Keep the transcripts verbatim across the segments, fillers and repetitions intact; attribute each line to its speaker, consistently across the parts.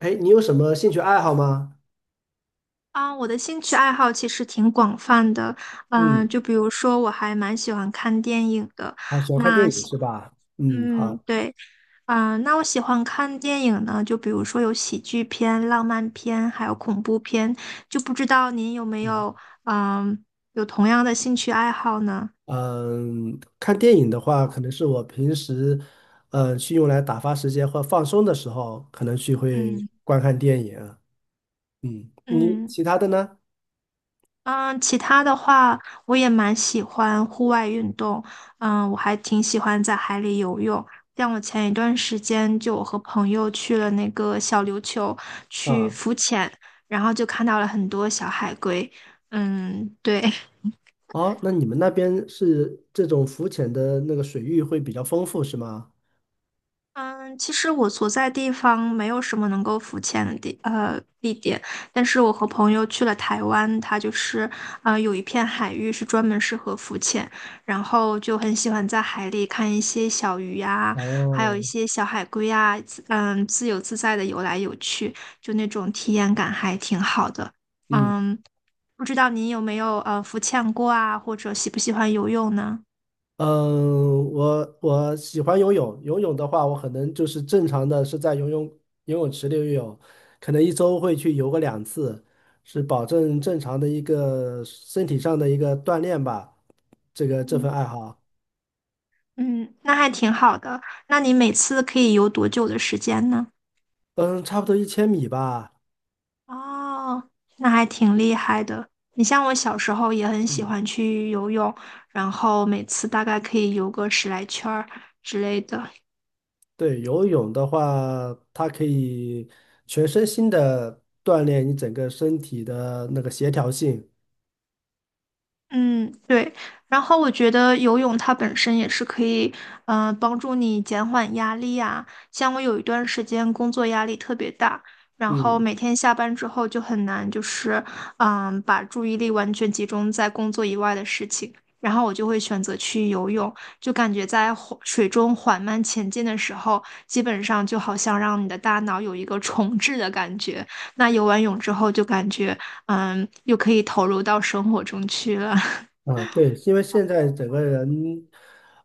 Speaker 1: 哎，你有什么兴趣爱好吗？
Speaker 2: 啊，我的兴趣爱好其实挺广泛的，嗯、
Speaker 1: 嗯，
Speaker 2: 就比如说我还蛮喜欢看电影的，
Speaker 1: 好，喜欢看电
Speaker 2: 那
Speaker 1: 影
Speaker 2: 喜，
Speaker 1: 是吧？嗯，
Speaker 2: 嗯，
Speaker 1: 好，
Speaker 2: 对，嗯、那我喜欢看电影呢，就比如说有喜剧片、浪漫片，还有恐怖片，就不知道您有没
Speaker 1: 嗯，
Speaker 2: 有，嗯、有同样的兴趣爱好呢？
Speaker 1: 嗯，看电影的话，可能是我平时，呃，去用来打发时间或放松的时候，可能去会
Speaker 2: 嗯
Speaker 1: 观看电影啊。嗯，你
Speaker 2: 嗯。
Speaker 1: 其他的呢？
Speaker 2: 嗯，其他的话，我也蛮喜欢户外运动。嗯，我还挺喜欢在海里游泳。像我前一段时间，就我和朋友去了那个小琉球去
Speaker 1: 啊，
Speaker 2: 浮潜，然后就看到了很多小海龟。嗯，对。
Speaker 1: 哦，那你们那边是这种浮潜的那个水域会比较丰富，是吗？
Speaker 2: 嗯，其实我所在地方没有什么能够浮潜的地呃地点，但是我和朋友去了台湾，它就是呃有一片海域是专门适合浮潜，然后就很喜欢在海里看一些小鱼呀、还有一
Speaker 1: 哦，
Speaker 2: 些小海龟呀、自嗯自由自在的游来游去，就那种体验感还挺好的。
Speaker 1: 嗯。
Speaker 2: 嗯，不知道您有没有呃浮潜过啊，或者喜不喜欢游泳呢？
Speaker 1: 嗯，我我喜欢游泳。游泳的话，我可能就是正常的是在游泳游泳池里游泳，可能一周会去游个两次，是保证正常的一个身体上的一个锻炼吧。这个这
Speaker 2: 嗯。
Speaker 1: 份爱好，
Speaker 2: 嗯，那还挺好的。那你每次可以游多久的时间呢？
Speaker 1: 嗯，差不多一千米吧。
Speaker 2: 哦，那还挺厉害的。你像我小时候也很喜
Speaker 1: 嗯，
Speaker 2: 欢去游泳，然后每次大概可以游个十来圈儿之类的。
Speaker 1: 对，游泳的话，它可以全身心的锻炼你整个身体的那个协调性。
Speaker 2: 嗯，对。然后我觉得游泳它本身也是可以，嗯、帮助你减缓压力啊。像我有一段时间工作压力特别大，然后
Speaker 1: 嗯。
Speaker 2: 每天下班之后就很难，就是嗯、把注意力完全集中在工作以外的事情。然后我就会选择去游泳，就感觉在缓水中缓慢前进的时候，基本上就好像让你的大脑有一个重置的感觉。那游完泳之后，就感觉嗯，又可以投入到生活中去了。
Speaker 1: 啊，对，因为现在整个人，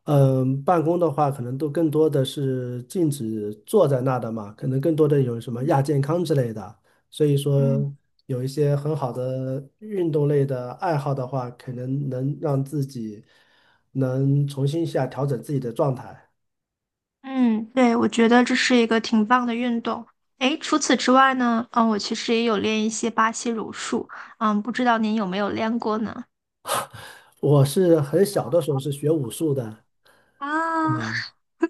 Speaker 1: 嗯、办公的话，可能都更多的是禁止坐在那的嘛，可能更多的有什么
Speaker 2: 嗯
Speaker 1: 亚健康之类的，所以
Speaker 2: 嗯，
Speaker 1: 说有一些很好的运动类的爱好的话，可能能让自己能重新一下调整自己的状态。
Speaker 2: 嗯，对，我觉得这是一个挺棒的运动。诶，除此之外呢，嗯，我其实也有练一些巴西柔术，嗯，不知道您有没有练过呢？
Speaker 1: 我是很小的时候是学武术的，
Speaker 2: 啊，
Speaker 1: 嗯。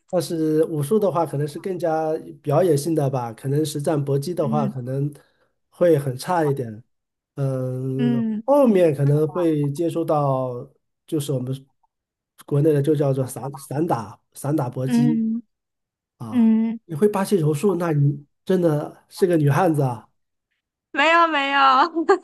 Speaker 1: 但是武术的话，可能是更加表演性的吧，可能实战搏击的话，
Speaker 2: 嗯
Speaker 1: 可能会很差一点。嗯，
Speaker 2: 嗯
Speaker 1: 后面可能会接触到，就是我们国内的就叫做散散打、散打搏击
Speaker 2: 嗯
Speaker 1: 啊。
Speaker 2: 嗯，
Speaker 1: 你会巴西柔术，那你真的是个女汉子啊。
Speaker 2: 没有没有，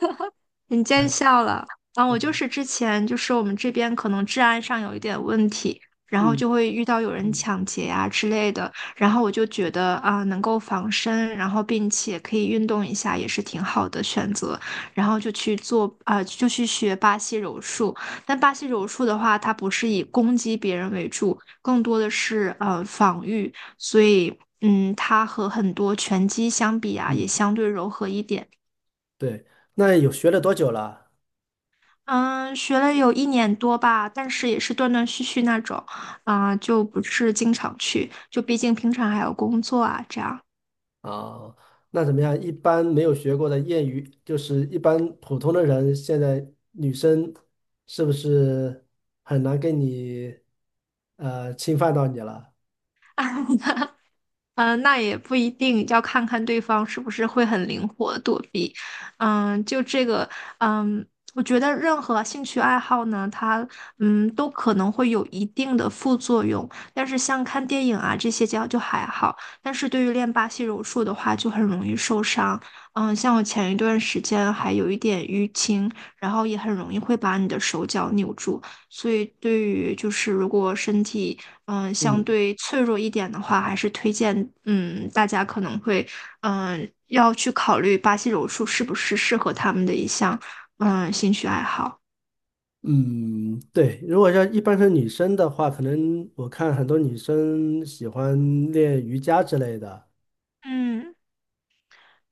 Speaker 2: 你见笑了啊！我就是之前就是我们这边可能治安上有一点问题，然后
Speaker 1: 嗯
Speaker 2: 就会遇到有人抢劫呀、之类的，然后我就觉得啊，能够防身，然后并且可以运动一下，也是挺好的选择。然后就去做啊、就去学巴西柔术。但巴西柔术的话，它不是以攻击别人为主，更多的是呃防御，所以嗯，它和很多拳击相比啊，也
Speaker 1: 嗯，
Speaker 2: 相对柔和一点。
Speaker 1: 对。那有学了多久了？
Speaker 2: 嗯，学了有一年多吧，但是也是断断续续那种，啊、就不是经常去，就毕竟平常还有工作啊，这样。
Speaker 1: 啊，那怎么样？一般没有学过的业余，就是一般普通的人，现在女生是不是很难跟你呃侵犯到你了？
Speaker 2: 嗯，呃那也不一定，要看看对方是不是会很灵活躲避。嗯，就这个，嗯，我觉得任何兴趣爱好呢，它嗯都可能会有一定的副作用，但是像看电影啊这些就就还好，但是对于练巴西柔术的话，就很容易受伤。嗯，像我前一段时间还有一点淤青，然后也很容易会把你的手脚扭住。所以，对于就是如果身体嗯、呃相
Speaker 1: 嗯，
Speaker 2: 对脆弱一点的话，还是推荐嗯大家可能会嗯、呃要去考虑巴西柔术是不是适合他们的一项嗯、呃兴趣爱好。
Speaker 1: 嗯，对，如果说一般是女生的话，可能我看很多女生喜欢练瑜伽之类的。
Speaker 2: 嗯。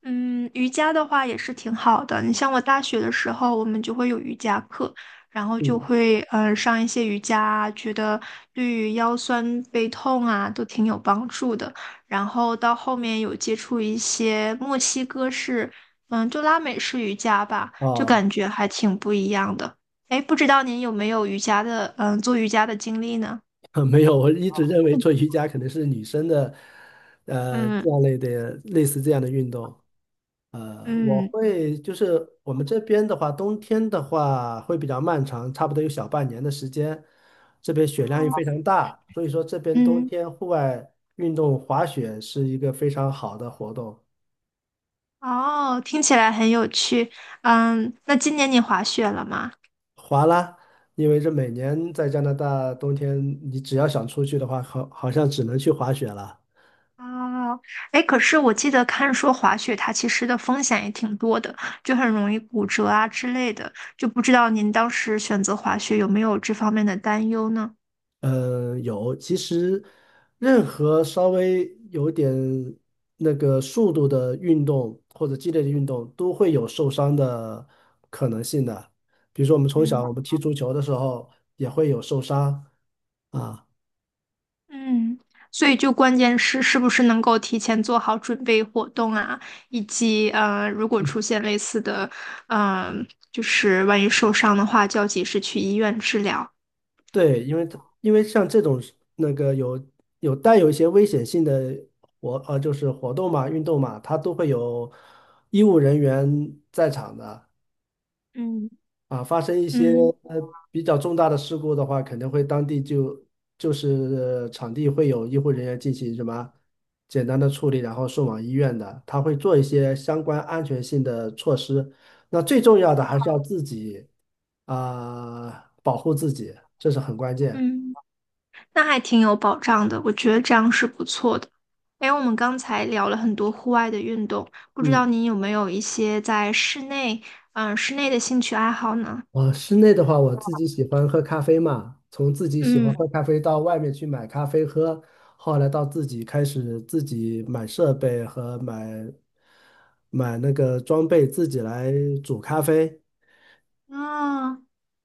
Speaker 2: 嗯，瑜伽的话也是挺好的。你像我大学的时候，我们就会有瑜伽课，然后就
Speaker 1: 嗯，
Speaker 2: 会呃上一些瑜伽啊觉得对于腰酸背痛啊都挺有帮助的。然后到后面有接触一些墨西哥式，嗯，就拉美式瑜伽吧，就
Speaker 1: 哦，
Speaker 2: 感觉还挺不一样的。哎，不知道您有没有瑜伽的，嗯，做瑜伽的经历呢？
Speaker 1: 没有，我一直认为做瑜伽可能是女生的，呃，
Speaker 2: 嗯。
Speaker 1: 这样类的类似这样的运动。呃，我
Speaker 2: 嗯
Speaker 1: 会就是我们这边的话，冬天的话会比较漫长，差不多有小半年的时间。这边雪量也非常大，所以说这边冬
Speaker 2: 嗯。
Speaker 1: 天户外运动滑雪是一个非常好的活动。
Speaker 2: 哦，听起来很有趣。嗯，那今年你滑雪了吗？
Speaker 1: 滑啦，因为这每年在加拿大冬天，你只要想出去的话，好好像只能去滑雪了。
Speaker 2: 哦，哎，可是我记得看说滑雪它其实的风险也挺多的，就很容易骨折啊之类的。就不知道您当时选择滑雪有没有这方面的担忧呢？
Speaker 1: 嗯，有。其实，任何稍微有点那个速度的运动或者激烈的运动，都会有受伤的可能性的。比如说，我们从
Speaker 2: 嗯
Speaker 1: 小我们踢足球的时候也会有受伤啊。
Speaker 2: 嗯，所以就关键是是不是能够提前做好准备活动啊，以及呃，如果
Speaker 1: 嗯，
Speaker 2: 出现类似的，嗯、就是万一受伤的话，就要及时去医院治疗。
Speaker 1: 对，因为它因为像这种那个有有带有一些危险性的活呃，就是活动嘛、运动嘛，它都会有医务人员在场的。
Speaker 2: 嗯
Speaker 1: 啊，发生一些
Speaker 2: 嗯
Speaker 1: 呃比较重大的事故的话，肯定会当地就就是场地会有医护人员进行什么简单的处理，然后送往医院的，他会做一些相关安全性的措施。那最重要的还是要自己啊，保护自己，这是很关键。
Speaker 2: 嗯。那还挺有保障的，我觉得这样是不错的。哎，我们刚才聊了很多户外的运动，不知道
Speaker 1: 嗯。
Speaker 2: 您有没有一些在室内，嗯、室内的兴趣爱好呢？
Speaker 1: 啊，室内的话，我自己喜欢喝咖啡嘛，从自己喜欢
Speaker 2: 嗯，
Speaker 1: 喝咖啡到外面去买咖啡喝，后来到自己开始自己买设备和买买那个装备，自己来煮咖啡。
Speaker 2: 啊，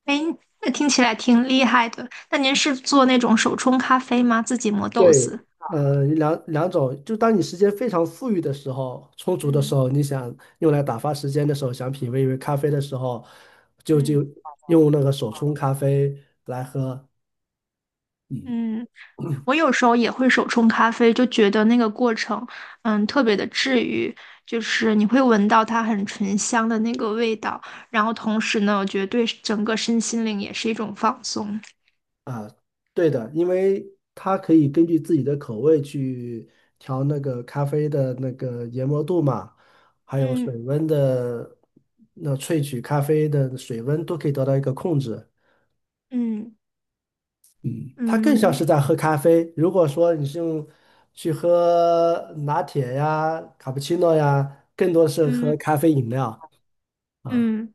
Speaker 2: 哎，那听起来挺厉害的。那您是做那种手冲咖啡吗？自己磨豆
Speaker 1: 对，
Speaker 2: 子？
Speaker 1: 呃，两两种，就当你时间非常富裕的时候，充足的时
Speaker 2: 嗯
Speaker 1: 候，你想用来打发时间的时候，想品味一杯咖啡的时候，就就
Speaker 2: 嗯。
Speaker 1: 用那个手冲咖啡来喝。嗯
Speaker 2: 嗯，我有时候也会手冲咖啡，就觉得那个过程，嗯，特别的治愈，就是你会闻到它很醇香的那个味道，然后同时呢，我觉得对整个身心灵也是一种放松。
Speaker 1: 对的，因为它可以根据自己的口味去调那个咖啡的那个研磨度嘛，还有水
Speaker 2: 嗯
Speaker 1: 温的，那萃取咖啡的水温都可以得到一个控制。
Speaker 2: 嗯
Speaker 1: 它更像
Speaker 2: 嗯
Speaker 1: 是在喝咖啡。如果说你是用去喝拿铁呀、卡布奇诺呀，更多是
Speaker 2: 嗯
Speaker 1: 喝咖啡饮料啊。
Speaker 2: 嗯，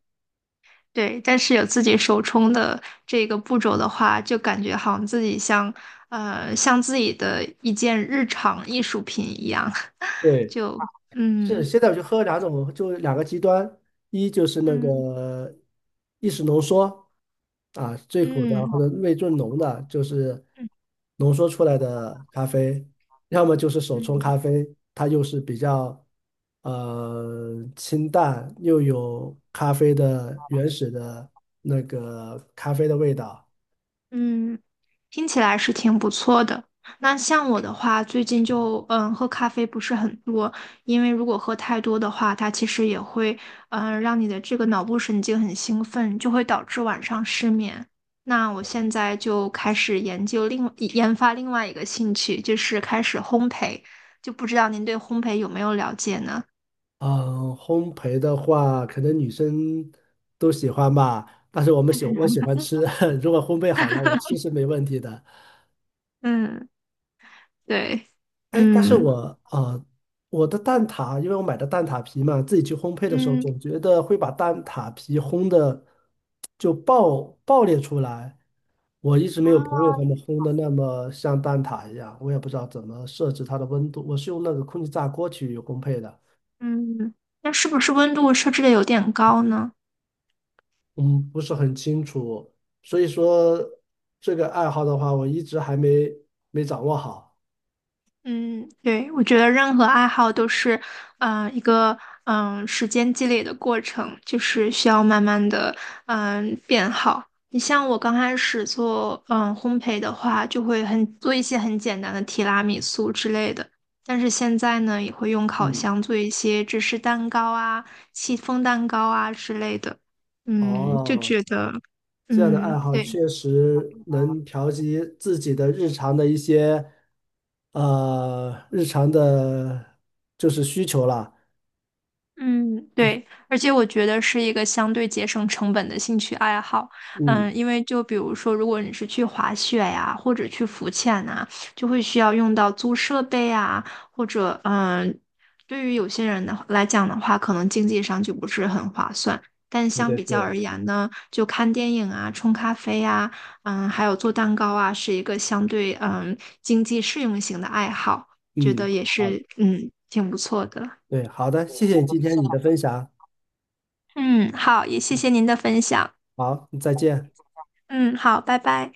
Speaker 2: 对。但是有自己手冲的这个步骤的话，就感觉好像自己像呃像自己的一件日常艺术品一样，
Speaker 1: 对。
Speaker 2: 就
Speaker 1: 是，
Speaker 2: 嗯
Speaker 1: 现在我就喝两种，就两个极端，一就是那
Speaker 2: 嗯
Speaker 1: 个意式浓缩啊，最苦的
Speaker 2: 嗯
Speaker 1: 或者味最浓的，就是
Speaker 2: 嗯。
Speaker 1: 浓缩出来的咖啡，要么就是手冲
Speaker 2: 嗯
Speaker 1: 咖啡，它又是比较呃清淡，又有咖啡的原始的那个咖啡的味道。
Speaker 2: 嗯，听起来是挺不错的。那像我的话，最近就嗯喝咖啡不是很多，因为如果喝太多的话，它其实也会嗯让你的这个脑部神经很兴奋，就会导致晚上失眠。那我现在就开始研究另研发另外一个兴趣，就是开始烘焙，就不知道您对烘焙有没有了解呢？
Speaker 1: 嗯，烘焙的话，可能女生都喜欢吧，但是我们喜我喜欢吃，如果烘焙好了，我吃是没问题的。
Speaker 2: 嗯，对，
Speaker 1: 哎，但是
Speaker 2: 嗯
Speaker 1: 我呃，我的蛋挞，因为我买的蛋挞皮嘛，自己去烘焙的时候，
Speaker 2: 嗯，
Speaker 1: 总觉得会把蛋挞皮烘的就爆爆裂出来。我一直没有朋
Speaker 2: 哦，
Speaker 1: 友他们烘的那么像蛋挞一样，我也不知道怎么设置它的温度，我是用那个空气炸锅去烘焙的。
Speaker 2: 嗯，那是不是温度设置的有点高呢？
Speaker 1: 嗯，不是很清楚，所以说这个爱好的话，我一直还没没掌握好。
Speaker 2: 嗯，对，我觉得任何爱好都是，嗯、一个嗯、时间积累的过程，就是需要慢慢的嗯、变好。你像我刚开始做嗯、烘焙的话，就会很做一些很简单的提拉米苏之类的，但是现在呢，也会用烤
Speaker 1: 嗯，
Speaker 2: 箱做一些芝士蛋糕啊、戚风蛋糕啊之类的。嗯，就
Speaker 1: 哦，
Speaker 2: 觉得，
Speaker 1: 这样的爱
Speaker 2: 嗯，
Speaker 1: 好
Speaker 2: 对。
Speaker 1: 确实能调节自己的日常的一些呃日常的，就是需求啦。
Speaker 2: 嗯，对，而且我觉得是一个相对节省成本的兴趣爱好。
Speaker 1: 嗯，
Speaker 2: 嗯，因为就比如说，如果你是去滑雪呀，或者去浮潜呐，就会需要用到租设备啊，或者嗯，对于有些人的来讲的话，可能经济上就不是很划算。但
Speaker 1: 对
Speaker 2: 相
Speaker 1: 对
Speaker 2: 比较
Speaker 1: 对，
Speaker 2: 而言呢，就看电影啊、冲咖啡啊、嗯，还有做蛋糕啊，是一个相对嗯经济适用型的爱好，觉
Speaker 1: 嗯，
Speaker 2: 得也
Speaker 1: 好，
Speaker 2: 是嗯挺不错的。
Speaker 1: 对，好的，谢谢你今天你的分享。
Speaker 2: 嗯，好，也谢
Speaker 1: 嗯
Speaker 2: 谢您的分享。
Speaker 1: 好，再见。
Speaker 2: 嗯，好，拜拜。